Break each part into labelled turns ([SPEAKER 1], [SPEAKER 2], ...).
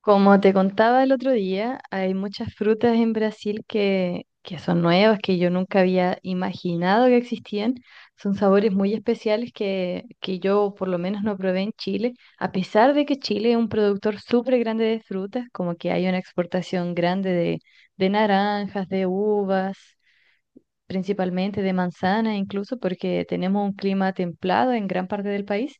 [SPEAKER 1] Como te contaba el otro día, hay muchas frutas en Brasil que son nuevas, que yo nunca había imaginado que existían. Son sabores muy especiales que yo por lo menos no probé en Chile, a pesar de que Chile es un productor súper grande de frutas, como que hay una exportación grande de naranjas, de uvas, principalmente de manzana, incluso porque tenemos un clima templado en gran parte del país,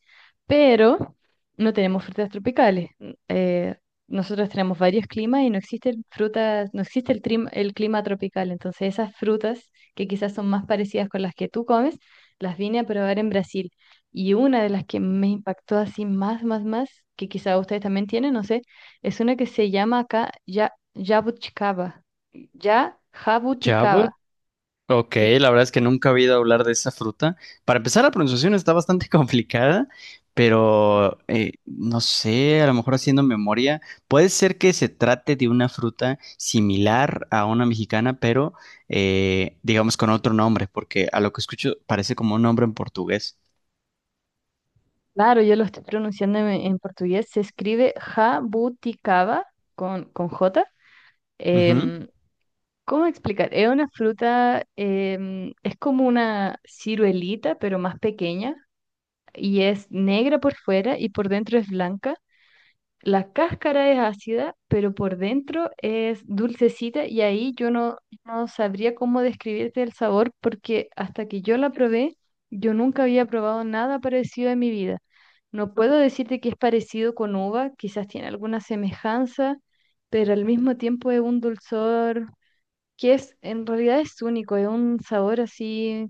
[SPEAKER 1] pero no tenemos frutas tropicales. Nosotros tenemos varios climas y no existe el frutas, no existe el, trim- el clima tropical. Entonces, esas frutas que quizás son más parecidas con las que tú comes, las vine a probar en Brasil. Y una de las que me impactó así más, que quizás ustedes también tienen, no sé, es una que se llama acá ya, jabuticaba. Ya, jabuticaba.
[SPEAKER 2] Chabot, ok,
[SPEAKER 1] ¿Sí?
[SPEAKER 2] la verdad es que nunca he oído hablar de esa fruta. Para empezar, la pronunciación está bastante complicada, pero no sé, a lo mejor haciendo memoria, puede ser que se trate de una fruta similar a una mexicana, pero digamos con otro nombre, porque a lo que escucho parece como un nombre en portugués.
[SPEAKER 1] Claro, yo lo estoy pronunciando en portugués. Se escribe jabuticaba con J.
[SPEAKER 2] Ujú.
[SPEAKER 1] Em, ¿cómo explicar? Es una fruta, es como una ciruelita, pero más pequeña, y es negra por fuera y por dentro es blanca. La cáscara es ácida, pero por dentro es dulcecita y ahí yo no, no sabría cómo describirte el sabor porque hasta que yo la probé, yo nunca había probado nada parecido en mi vida. No puedo decirte que es parecido con uva, quizás tiene alguna semejanza, pero al mismo tiempo es un dulzor en realidad es único, es un sabor así,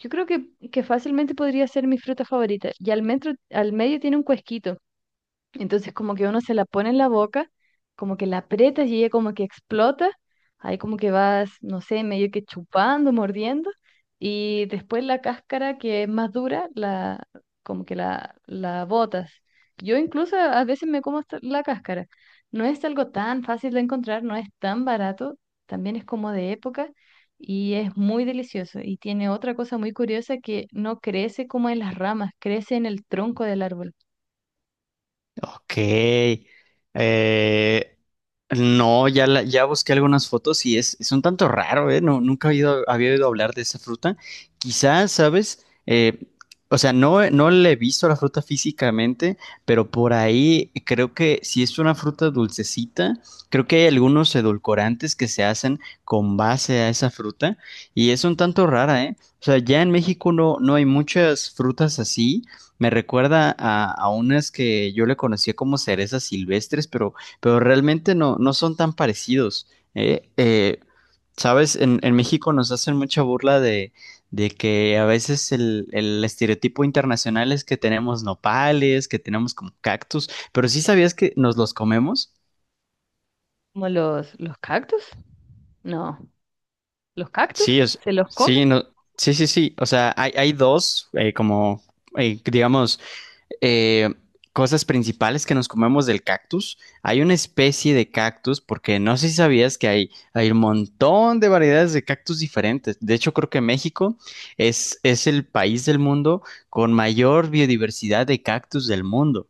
[SPEAKER 1] yo creo que fácilmente podría ser mi fruta favorita. Al medio tiene un cuesquito. Entonces como que uno se la pone en la boca, como que la aprietas y ella como que explota, ahí como que vas, no sé, medio que chupando, mordiendo, y después la cáscara que es más dura, como que la botas. Yo incluso a veces me como hasta la cáscara. No es algo tan fácil de encontrar, no es tan barato, también es como de época y es muy delicioso. Y tiene otra cosa muy curiosa que no crece como en las ramas, crece en el tronco del árbol.
[SPEAKER 2] Ok. Eh, no, ya, ya busqué algunas fotos y es un tanto raro, ¿eh? No, nunca había oído hablar de esa fruta. Quizás, ¿sabes? O sea, no, no le he visto la fruta físicamente, pero por ahí creo que si es una fruta dulcecita, creo que hay algunos edulcorantes que se hacen con base a esa fruta y es un tanto rara, ¿eh? O sea, ya en México no, no hay muchas frutas así. Me recuerda a unas que yo le conocía como cerezas silvestres, pero realmente no, no son tan parecidos. ¿Eh? Sabes, en México nos hacen mucha burla de que a veces el estereotipo internacional es que tenemos nopales, que tenemos como cactus, pero sí sabías que nos los comemos.
[SPEAKER 1] ¿Como los cactus? No, ¿los cactus?
[SPEAKER 2] Sí, es,
[SPEAKER 1] ¿Se los come?
[SPEAKER 2] sí, no, sí, sí, sí. O sea, hay dos, como, digamos, eh, cosas principales que nos comemos del cactus. Hay una especie de cactus, porque no sé si sabías que hay un montón de variedades de cactus diferentes. De hecho, creo que México es el país del mundo con mayor biodiversidad de cactus del mundo.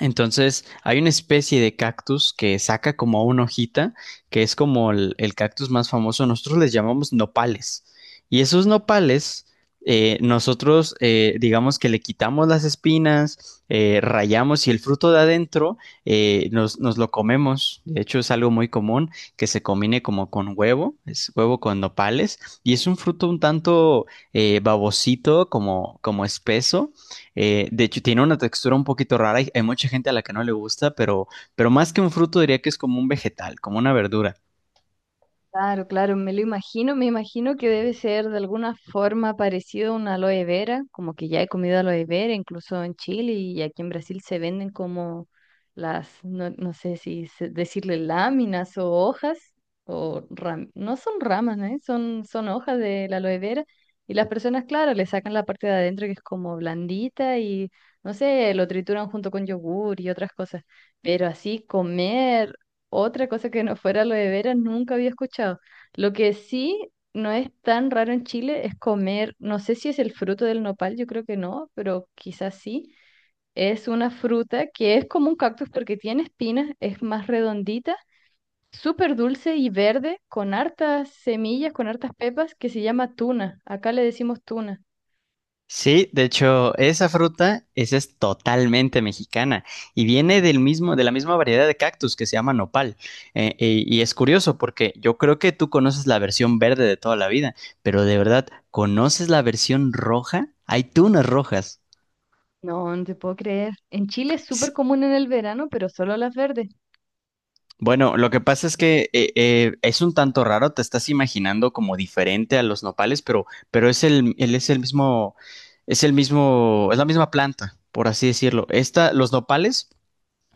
[SPEAKER 2] Entonces, hay una especie de cactus que saca como una hojita, que es como el cactus más famoso. Nosotros les llamamos nopales. Y esos nopales, nosotros, digamos que le quitamos las espinas, rayamos y el fruto de adentro nos, nos lo comemos. De hecho, es algo muy común que se combine como con huevo, es huevo con nopales. Y es un fruto un tanto babosito, como, como espeso de hecho, tiene una textura un poquito rara. Hay mucha gente a la que no le gusta, pero más que un fruto diría que es como un vegetal, como una verdura.
[SPEAKER 1] Claro, claro, me lo imagino, me imagino que debe ser de alguna forma parecido a una aloe vera, como que ya he comido aloe vera, incluso en Chile y aquí en Brasil se venden como las, no, no sé si se- decirle láminas o hojas, o ram- no son ramas, ¿eh? Son hojas de la aloe vera y las personas, claro, le sacan la parte de adentro que es como blandita y, no sé, lo trituran junto con yogur y otras cosas, pero así comer otra cosa que no fuera aloe vera nunca había escuchado. Lo que sí no es tan raro en Chile es comer, no sé si es el fruto del nopal, yo creo que no, pero quizás sí. Es una fruta que es como un cactus porque tiene espinas, es más redondita, súper dulce y verde, con hartas semillas, con hartas pepas, que se llama tuna. Acá le decimos tuna.
[SPEAKER 2] Sí, de hecho, esa fruta, esa es totalmente mexicana y viene del mismo, de la misma variedad de cactus que se llama nopal. Y es curioso porque yo creo que tú conoces la versión verde de toda la vida, pero de verdad, ¿conoces la versión roja? Hay tunas rojas.
[SPEAKER 1] No, no te puedo creer. En Chile es súper común en el verano, pero solo las verdes.
[SPEAKER 2] Bueno, lo que pasa es que es un tanto raro, te estás imaginando como diferente a los nopales, pero es él es el mismo, es el mismo, es la misma planta, por así decirlo. Esta, los nopales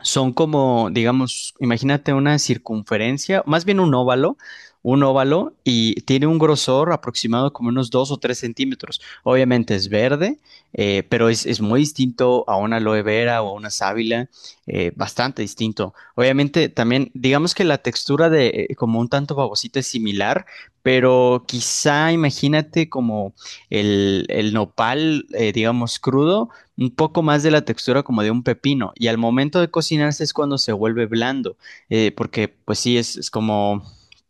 [SPEAKER 2] son como, digamos, imagínate una circunferencia, más bien un óvalo y tiene un grosor aproximado como unos 2 o 3 centímetros. Obviamente es verde, pero es muy distinto a una aloe vera o a una sábila, bastante distinto. Obviamente también, digamos que la textura de como un tanto babosita es similar, pero quizá imagínate como el nopal, digamos, crudo un poco más de la textura como de un pepino y al momento de cocinarse es cuando se vuelve blando, porque pues sí, es como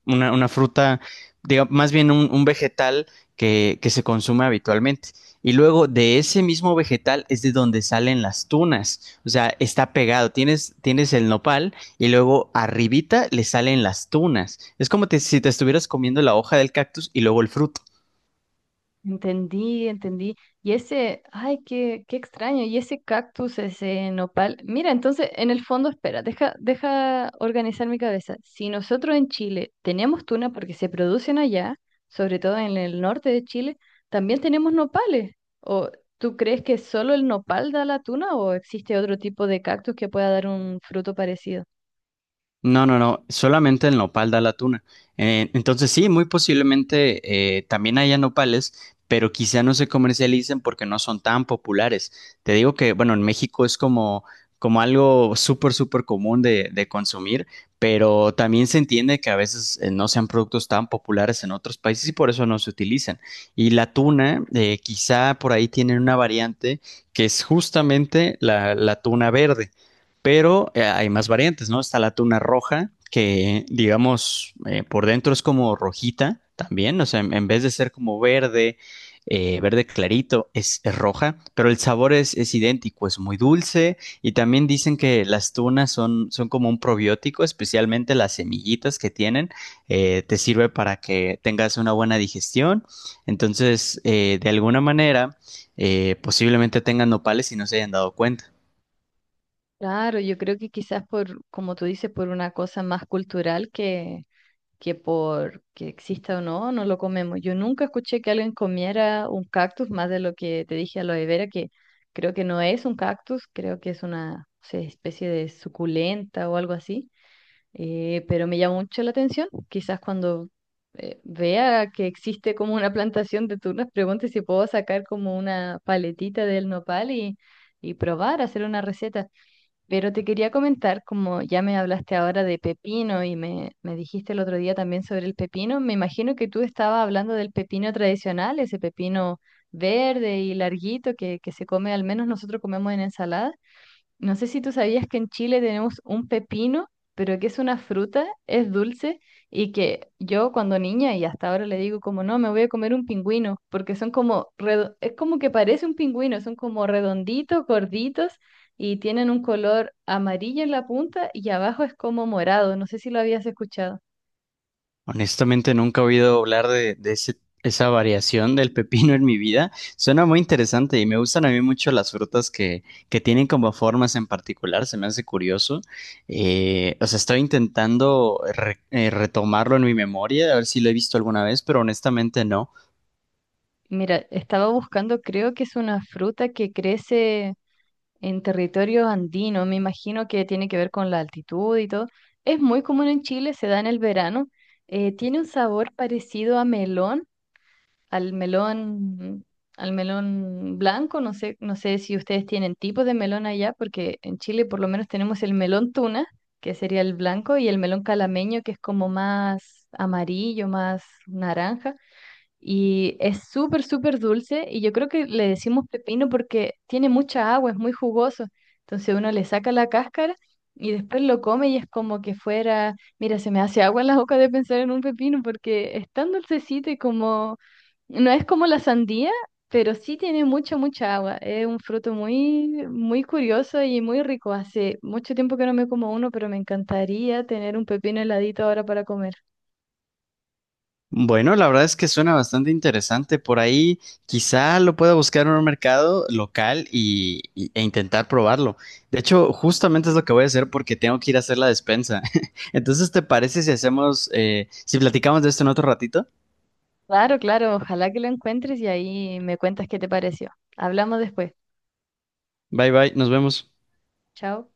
[SPEAKER 2] una fruta, más bien un vegetal que se consume habitualmente. Y luego de ese mismo vegetal es de donde salen las tunas, o sea, está pegado, tienes, tienes el nopal y luego arribita le salen las tunas. Es como si te estuvieras comiendo la hoja del cactus y luego el fruto.
[SPEAKER 1] Entendí, entendí. Ay, qué extraño. Y ese cactus, ese nopal. Mira, entonces, en el fondo, espera, deja organizar mi cabeza. Si nosotros en Chile tenemos tuna porque se producen allá, sobre todo en el norte de Chile, también tenemos nopales. ¿O tú crees que solo el nopal da la tuna o existe otro tipo de cactus que pueda dar un fruto parecido?
[SPEAKER 2] No, no, no, solamente el nopal da la tuna. Entonces sí, muy posiblemente también haya nopales, pero quizá no se comercialicen porque no son tan populares. Te digo que, bueno, en México es como, como algo súper, súper común de consumir, pero también se entiende que a veces no sean productos tan populares en otros países y por eso no se utilizan. Y la tuna, quizá por ahí tienen una variante que es justamente la tuna verde pero hay más variantes, ¿no? Está la tuna roja, que digamos por dentro es como rojita también, o sea, en vez de ser como verde, verde clarito, es roja, pero el sabor es idéntico, es muy dulce y también dicen que las tunas son, son como un probiótico, especialmente las semillitas que tienen, te sirve para que tengas una buena digestión. Entonces, de alguna manera, posiblemente tengan nopales y no se hayan dado cuenta.
[SPEAKER 1] Claro, yo creo que quizás por, como tú dices, por una cosa más cultural que por que exista o no, no lo comemos. Yo nunca escuché que alguien comiera un cactus más de lo que te dije a lo de vera, que creo que no es un cactus, creo que es una, no sé, especie de suculenta o algo así. Pero me llama mucho la atención. Quizás cuando vea que existe como una plantación de tunas, pregunte si puedo sacar como una paletita del nopal y probar, hacer una receta. Pero te quería comentar, como ya me hablaste ahora de pepino y me dijiste el otro día también sobre el pepino, me imagino que tú estabas hablando del pepino tradicional, ese pepino verde y larguito que se come, al menos nosotros comemos en ensalada. No sé si tú sabías que en Chile tenemos un pepino, pero que es una fruta, es dulce, y que yo cuando niña y hasta ahora le digo como no, me voy a comer un pingüino, porque son como, redo- es como que parece un pingüino, son como redonditos, gorditos, y tienen un color amarillo en la punta y abajo es como morado, no sé si lo habías escuchado.
[SPEAKER 2] Honestamente, nunca he oído hablar de esa variación del pepino en mi vida. Suena muy interesante y me gustan a mí mucho las frutas que tienen como formas en particular. Se me hace curioso. O sea, estoy intentando retomarlo en mi memoria, a ver si lo he visto alguna vez, pero honestamente no.
[SPEAKER 1] Mira, estaba buscando, creo que es una fruta que crece en territorio andino, me imagino que tiene que ver con la altitud y todo. Es muy común en Chile, se da en el verano. Tiene un sabor parecido a melón, al melón, al melón blanco. No sé, no sé si ustedes tienen tipos de melón allá, porque en Chile por lo menos tenemos el melón tuna, que sería el blanco, y el melón calameño, que es como más amarillo, más naranja. Y es súper, súper dulce y yo creo que le decimos pepino porque tiene mucha agua, es muy jugoso. Entonces uno le saca la cáscara y después lo come y es como que fuera, mira, se me hace agua en la boca de pensar en un pepino porque es tan dulcecito y como, no es como la sandía, pero sí tiene mucha, mucha agua. Es un fruto muy, muy curioso y muy rico. Hace mucho tiempo que no me como uno, pero me encantaría tener un pepino heladito ahora para comer.
[SPEAKER 2] Bueno, la verdad es que suena bastante interesante. Por ahí quizá lo pueda buscar en un mercado local y, e intentar probarlo. De hecho, justamente es lo que voy a hacer porque tengo que ir a hacer la despensa. Entonces, ¿te parece si hacemos, si platicamos de esto en otro ratito?
[SPEAKER 1] Claro, claro, ojalá que lo encuentres y ahí me cuentas qué te pareció. Hablamos después.
[SPEAKER 2] Bye bye, nos vemos.
[SPEAKER 1] Chao.